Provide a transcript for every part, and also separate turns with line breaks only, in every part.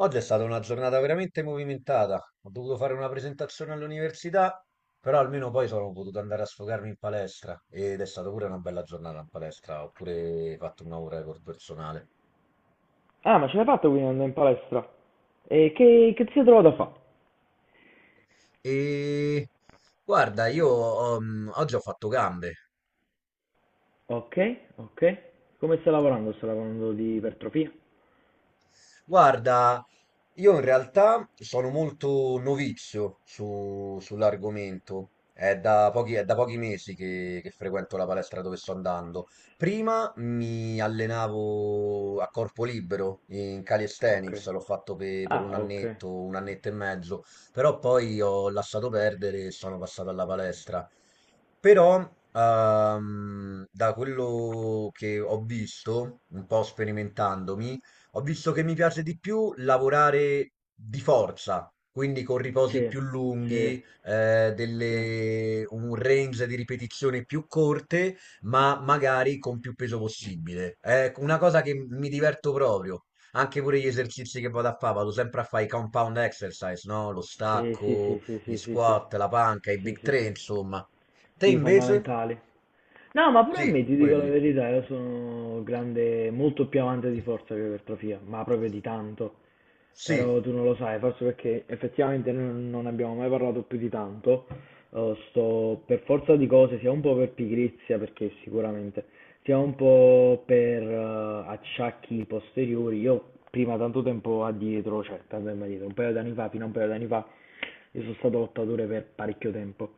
Oggi è stata una giornata veramente movimentata. Ho dovuto fare una presentazione all'università, però almeno poi sono potuto andare a sfogarmi in palestra ed è stata pure una bella giornata in palestra. Ho pure fatto una ora di record personale.
Ah, ma ce l'hai fatta quindi andare in palestra? E che ti sei trovato a fare?
E guarda, io oggi ho fatto gambe.
Ok, ok. Come sta lavorando? Sta lavorando di ipertrofia?
Guarda, io in realtà sono molto novizio sull'argomento. È da pochi mesi che frequento la palestra dove sto andando. Prima mi allenavo a corpo libero in
Ok.
calisthenics, l'ho fatto per
Ah, ok.
un annetto e mezzo, però poi ho lasciato perdere e sono passato alla palestra. Però, da quello che ho visto, un po' sperimentandomi, ho visto che mi piace di più lavorare di forza, quindi con riposi
Sì,
più
sì,
lunghi,
sì,
un range di ripetizioni più corte, ma magari con più peso possibile. È una cosa che mi diverto proprio. Anche pure gli esercizi che vado a fare, vado sempre a fare i compound exercise, no? Lo
sì, sì,
stacco,
sì, sì,
gli
sì, sì, sì,
squat, la panca, i
sì,
big
sì,
three,
sì.
insomma. Te
Sì,
invece?
fondamentali. No, ma pure a me,
Sì,
ti dico la
quelli.
verità, io sono grande, molto più amante di forza che di ipertrofia, ma proprio di tanto. Però
Sì.
tu non lo sai, forse perché effettivamente noi non abbiamo mai parlato più di tanto. Sto per forza di cose, sia un po' per pigrizia, perché sicuramente, sia un po' per acciacchi posteriori. Io prima, tanto tempo addietro, cioè tanto tempo addietro, un paio d'anni fa, fino a un paio d'anni fa, io sono stato lottatore per parecchio tempo.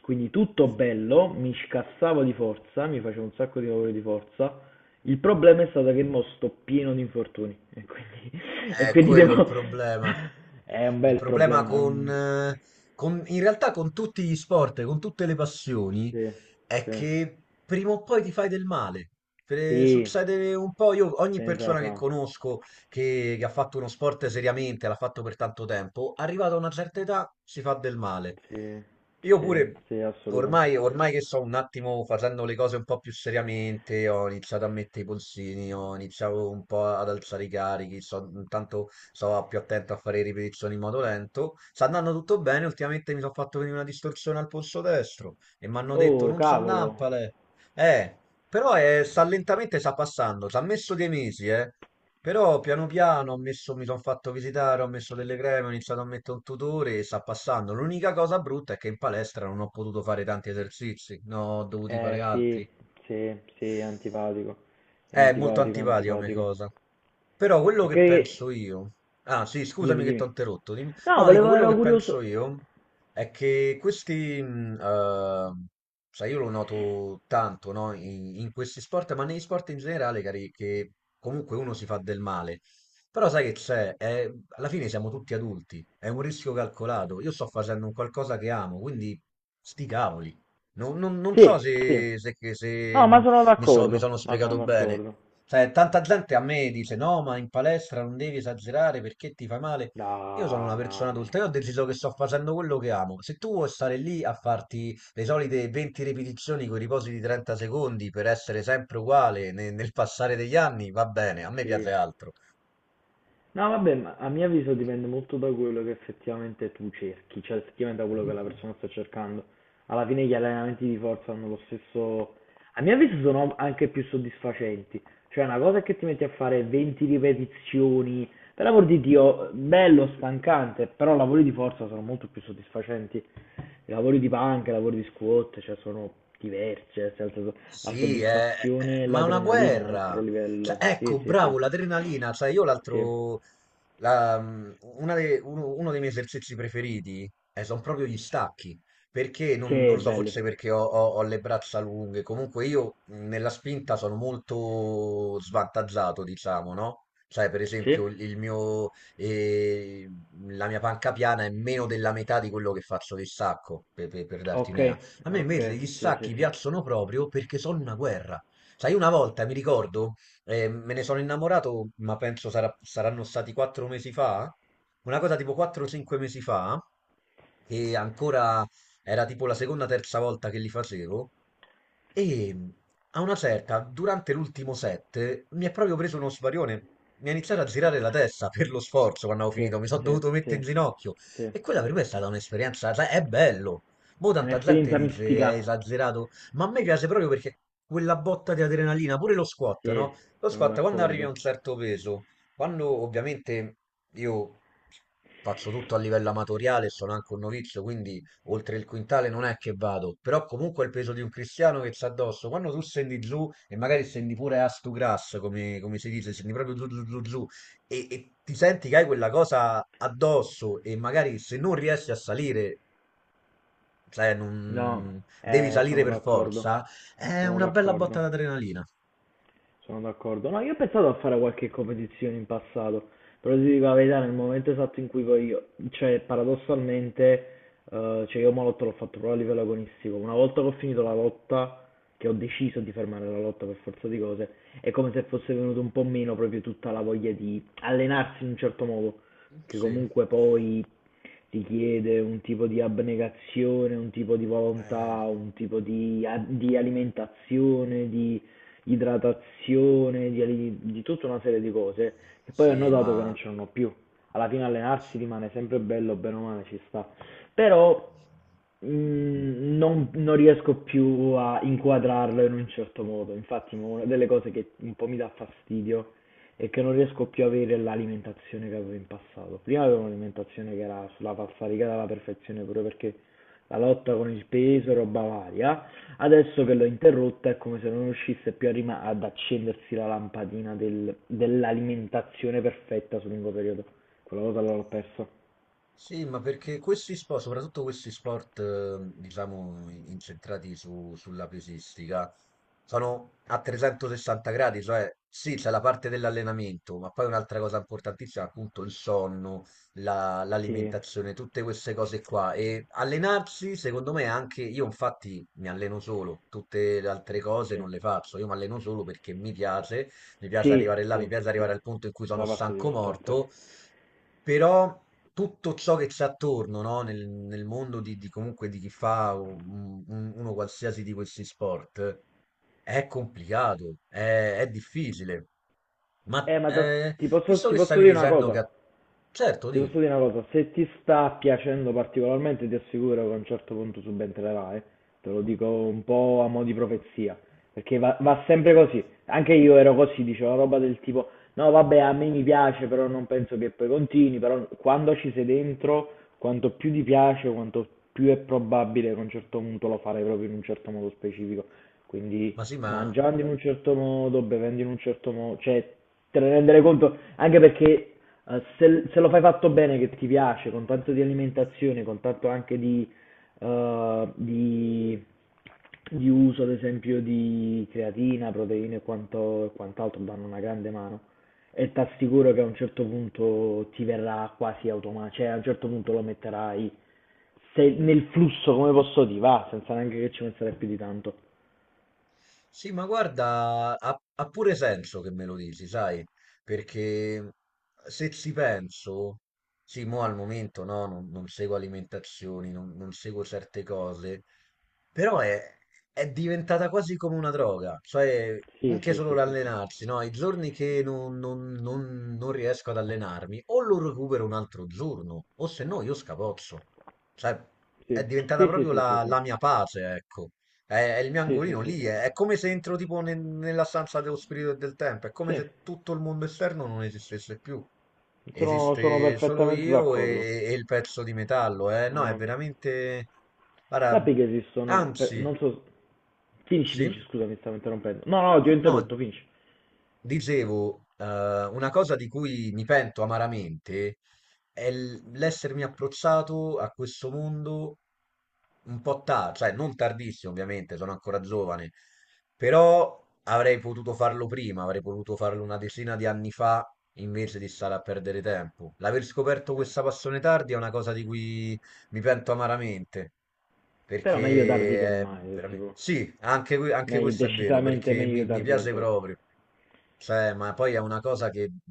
Quindi tutto bello, mi scassavo di forza, mi facevo un sacco di lavori di forza. Il problema è stato che mo sto pieno di infortuni e quindi, e
È
quindi
quello il
devo...
problema.
È un
Il
bel
problema
problema, è
con,
un...
in realtà con tutti gli sport, con tutte le passioni,
Sì,
è
sì,
che prima o poi ti fai del male.
sì,
Succede un po', io
ci
ogni
stai dentro la
persona che
fa.
conosco che ha fatto uno sport seriamente, l'ha fatto per tanto tempo, arrivata a una certa età si fa del male.
Sì,
Io
sì,
pure,
sì, assolutamente.
ormai che sto un attimo facendo le cose un po' più seriamente, ho iniziato a mettere i polsini, ho iniziato un po' ad alzare i carichi, intanto sto più attento a fare ripetizioni in modo lento. Sta andando tutto bene, ultimamente mi sono fatto venire una distorsione al polso destro e mi hanno detto
Oh,
non sa
cavolo.
nampale. Eh, però sta lentamente, sta passando, ci ha messo dei mesi, eh. Però piano piano ho messo, mi sono fatto visitare, ho messo delle creme, ho iniziato a mettere un tutore e sta passando. L'unica cosa brutta è che in palestra non ho potuto fare tanti esercizi, ne ho dovuti fare
Sì,
altri.
sì, sì, è antipatico. È
È molto
antipatico, è
antipatica come
antipatico.
cosa. Però quello
Ok,
che penso io. Ah, sì,
dimmi,
scusami che ti
dimmi.
ho interrotto.
No,
No, dico
volevo,
quello
ero
che
curioso.
penso io è che questi. Sai, io lo noto tanto, no? In questi sport, ma negli sport in generale, cari, che comunque uno si fa del male. Però sai che c'è? Alla fine siamo tutti adulti, è un rischio calcolato. Io sto facendo un qualcosa che amo, quindi sti cavoli. Non so
Sì, sì.
se, se, se, se,
No, ma
mh,
sono
mi, so- mi sono
d'accordo, ma sono
spiegato bene.
d'accordo.
Cioè, tanta gente a me dice: No, ma in palestra non devi esagerare perché ti fai male.
No,
Io sono una persona
no, no, no.
adulta, io ho deciso che sto facendo quello che amo. Se tu vuoi stare lì a farti le solite 20 ripetizioni con i riposi di 30 secondi per essere sempre uguale nel passare degli anni, va bene, a me
Sì.
piace altro.
No, vabbè, ma a mio avviso dipende molto da quello che effettivamente tu cerchi, cioè effettivamente da quello che la persona sta cercando. Alla fine gli allenamenti di forza hanno lo stesso... A mio avviso sono anche più soddisfacenti. Cioè una cosa è che ti metti a fare 20 ripetizioni, per l'amor di Dio, bello, stancante, però lavori di forza sono molto più soddisfacenti. I lavori di panca, i lavori di squat, cioè sono diversi, cioè, nel senso, la
Sì, è- è-
soddisfazione e
ma è una
l'adrenalina è un altro
guerra. Cioè,
livello. Sì,
ecco,
sì, sì,
bravo, l'adrenalina. Cioè, io
sì,
l'altro... la- mm, uno dei miei esercizi preferiti sono proprio gli stacchi. Perché, non
sì,
lo so,
belli.
forse perché ho le braccia lunghe. Comunque io nella spinta sono molto svantaggiato, diciamo, no? Cioè, per
Sì?
esempio, il mio, eh, la mia panca piana è meno della metà di quello che faccio di stacco, per darti
Ok,
un'idea. A me invece
ok,
gli
sì, sì,
stacchi
sì,
piacciono proprio perché sono una guerra. Sai, una volta mi ricordo, me ne sono innamorato, ma penso saranno stati quattro mesi fa, una cosa tipo 4-5 mesi fa, che ancora era tipo la seconda, o terza volta che li facevo, e a una certa, durante l'ultimo set, mi è proprio preso uno svarione. Mi ha iniziato a girare la testa per lo sforzo quando avevo
sì,
finito, mi sono
sì,
dovuto mettere
sì,
in ginocchio.
sì. È
E quella per me è stata un'esperienza, sai, è bello. Mo' tanta gente
un'esperienza
dice è
mistica.
esagerato, ma a me piace proprio perché quella botta di adrenalina, pure lo squat,
Sì,
no? Lo
sono
squat quando arrivi a
d'accordo.
un certo peso, quando ovviamente io faccio tutto a livello amatoriale, sono anche un novizio, quindi oltre il quintale non è che vado, però comunque è il peso di un cristiano che c'ha addosso, quando tu scendi giù e magari scendi pure a stu grass, come, come si dice, scendi proprio giù giù giù giù e ti senti che hai quella cosa addosso e magari se non riesci a salire, cioè
No,
non devi salire
sono
per
d'accordo,
forza, è
sono
una bella botta
d'accordo,
d'adrenalina.
sono d'accordo. No, io ho pensato a fare qualche competizione in passato, però ti dico la verità, nel momento esatto in cui poi io, cioè paradossalmente eh, cioè io Molotov l'ho fatto proprio a livello agonistico. Una volta che ho finito la lotta, che ho deciso di fermare la lotta per forza di cose, è come se fosse venuto un po' meno proprio tutta la voglia di allenarsi in un certo modo, che
Sì.
comunque poi richiede un tipo di abnegazione, un tipo di
Eh,
volontà, un tipo di, di alimentazione, di idratazione, di, di tutta una serie di cose che poi ho
sì,
notato che non
ma
ce l'hanno più. Alla fine allenarsi rimane sempre bello, bene o male ci sta. Però non riesco più a inquadrarlo in un certo modo. Infatti, mo, una delle cose che un po' mi dà fastidio è che non riesco più a avere l'alimentazione che avevo in passato. Prima avevo un'alimentazione che era sulla falsariga alla perfezione, proprio perché la lotta con il peso e roba varia. Adesso che l'ho interrotta è come se non riuscisse più a ad accendersi la lampadina dell'alimentazione perfetta sul lungo periodo. Quella cosa l'ho persa.
Sì, ma perché questi sport, soprattutto questi sport, diciamo, incentrati sulla pesistica, sono a 360 gradi, cioè sì, c'è la parte dell'allenamento, ma poi un'altra cosa importantissima, appunto, il sonno,
Sì,
l'alimentazione, tutte queste cose qua. E allenarsi, secondo me, è anche io infatti mi alleno solo, tutte le altre cose non
sì,
le faccio, io mi alleno solo perché mi piace
sì,
arrivare là, mi
sì,
piace
sì.
arrivare al punto in cui
È
sono
una parte
stanco
divertente.
morto, però tutto ciò che c'è attorno, no? Nel mondo di comunque di chi fa uno qualsiasi di questi sport è complicato, è difficile. Ma
Ma ti posso,
visto
ti
che
posso
stavi
dire una
dicendo che...
cosa.
Certo,
Ti
di,
posso dire una cosa. Se ti sta piacendo particolarmente, ti assicuro che a un certo punto subentrerà, eh. Te lo dico un po' a mo' di profezia. Perché va sempre così. Anche io ero così, dicevo roba del tipo, no vabbè, a me mi piace, però non penso che poi continui, però quando ci sei dentro, quanto più ti piace, quanto più è probabile che a un certo punto lo farai proprio in un certo modo specifico. Quindi
ma sì, ma
mangiando in un certo modo, bevendo in un certo modo, cioè te ne rendere conto, anche perché se lo fai fatto bene, che ti piace, con tanto di alimentazione, con tanto anche eh, di di uso, ad esempio, di creatina, proteine e e quant'altro danno una grande mano e ti assicuro che a un certo punto ti verrà quasi automatico, cioè a un certo punto lo metterai nel flusso, come posso dire, va, senza neanche che ci penserai più di tanto.
Sì, ma guarda, ha pure senso che me lo dici, sai, perché mhmm, se ci penso, sì, mo al momento no, non seguo alimentazioni, non seguo certe cose, però è diventata quasi come una droga, cioè
Sì,
anche
sì,
solo
sì, sì, sì.
l'allenarsi, no? I giorni che non riesco ad allenarmi, o lo recupero un altro giorno, o se no io scapozzo, cioè è
Sì,
diventata
sì, sì,
proprio
sì, sì,
la
sì.
la mia pace, ecco. È il mio
Sì, sì,
angolino
sì, sì,
lì,
sì.
è come se entro tipo nella stanza dello spirito e del tempo, è come
Sì,
se tutto il mondo esterno non esistesse più.
sono
Esiste solo
perfettamente
io
d'accordo.
e il pezzo di metallo, eh? No, è
Sono-
veramente... Guarda,
Sappi che esistono, non
anzi,
so, finisci,
sì?
finisci, scusami, stavo interrompendo. No, no, ti ho
No.
interrotto, finisci.
Dicevo, una cosa di cui mi pento amaramente è l'essermi approcciato a questo mondo un po' tardi, cioè non tardissimo ovviamente, sono ancora giovane, però avrei potuto farlo prima, avrei potuto farlo una decina di anni fa invece di stare a perdere tempo. L'aver scoperto
Eh,
questa passione tardi è una cosa di cui mi pento amaramente.
Però meglio tardi che
Perché è
mai,
veramente...
tipo.
Sì, anche, anche questo è vero,
Decisamente
perché
meglio
mi
tardi che
piace
torti.
proprio. Cioè, ma poi è una cosa che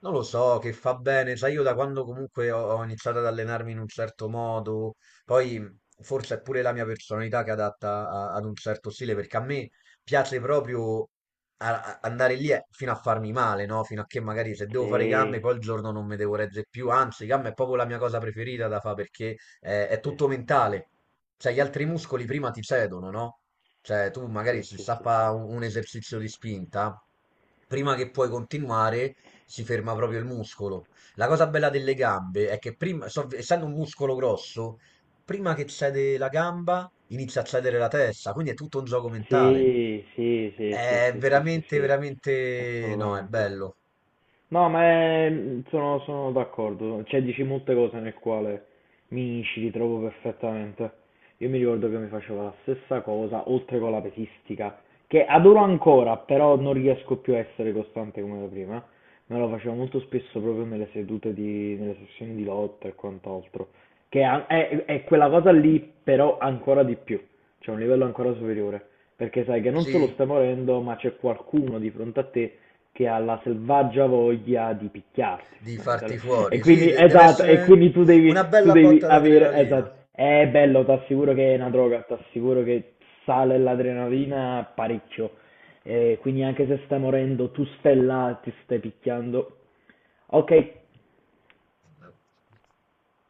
non lo so, che fa bene. Sai, io da quando comunque ho iniziato ad allenarmi in un certo modo, poi forse è pure la mia personalità che è adatta ad un certo stile, perché a me piace proprio andare lì fino a farmi male, no? Fino a che magari se devo fare i gambe,
Sì,
poi il giorno non mi devo reggere più. Anzi, i gambe è proprio la mia cosa preferita da fare perché è
sì,
tutto mentale. Cioè, gli altri muscoli prima ti cedono, no? Cioè, tu magari
sì,
se
sì,
sa
sì, sì.
fa un esercizio di spinta, prima che puoi continuare, si ferma proprio il muscolo. La cosa bella delle gambe è che prima, essendo un muscolo grosso, prima che cede la gamba, inizia a cedere la testa, quindi è tutto un gioco mentale.
Sì, sì, sì, sì,
È
sì, sì, sì,
veramente,
sì,
veramente, no, è
assolutamente.
bello.
No, sono d'accordo, cioè dici molte cose nel quale mi ci ritrovo perfettamente. Io mi ricordo che mi facevo la stessa cosa, oltre con la pesistica, che adoro ancora, però non riesco più a essere costante come da prima. Me lo facevo molto spesso proprio nelle sedute di, nelle sessioni di lotta e quant'altro, che è quella cosa lì, però ancora di più. C'è un livello ancora superiore, perché sai che non solo
Sì,
stai morendo, ma c'è qualcuno di fronte a te che ha la selvaggia voglia di picchiarti,
di farti
fondamentalmente. E
fuori. Sì,
quindi,
deve
esatto, e
essere
quindi tu
una
devi, tu
bella
devi
botta
avere,
d'adrenalina.
esatto. È bello, ti assicuro che è una droga, ti assicuro che sale l'adrenalina parecchio. E quindi anche se stai morendo, tu stai là, ti stai picchiando. Ok,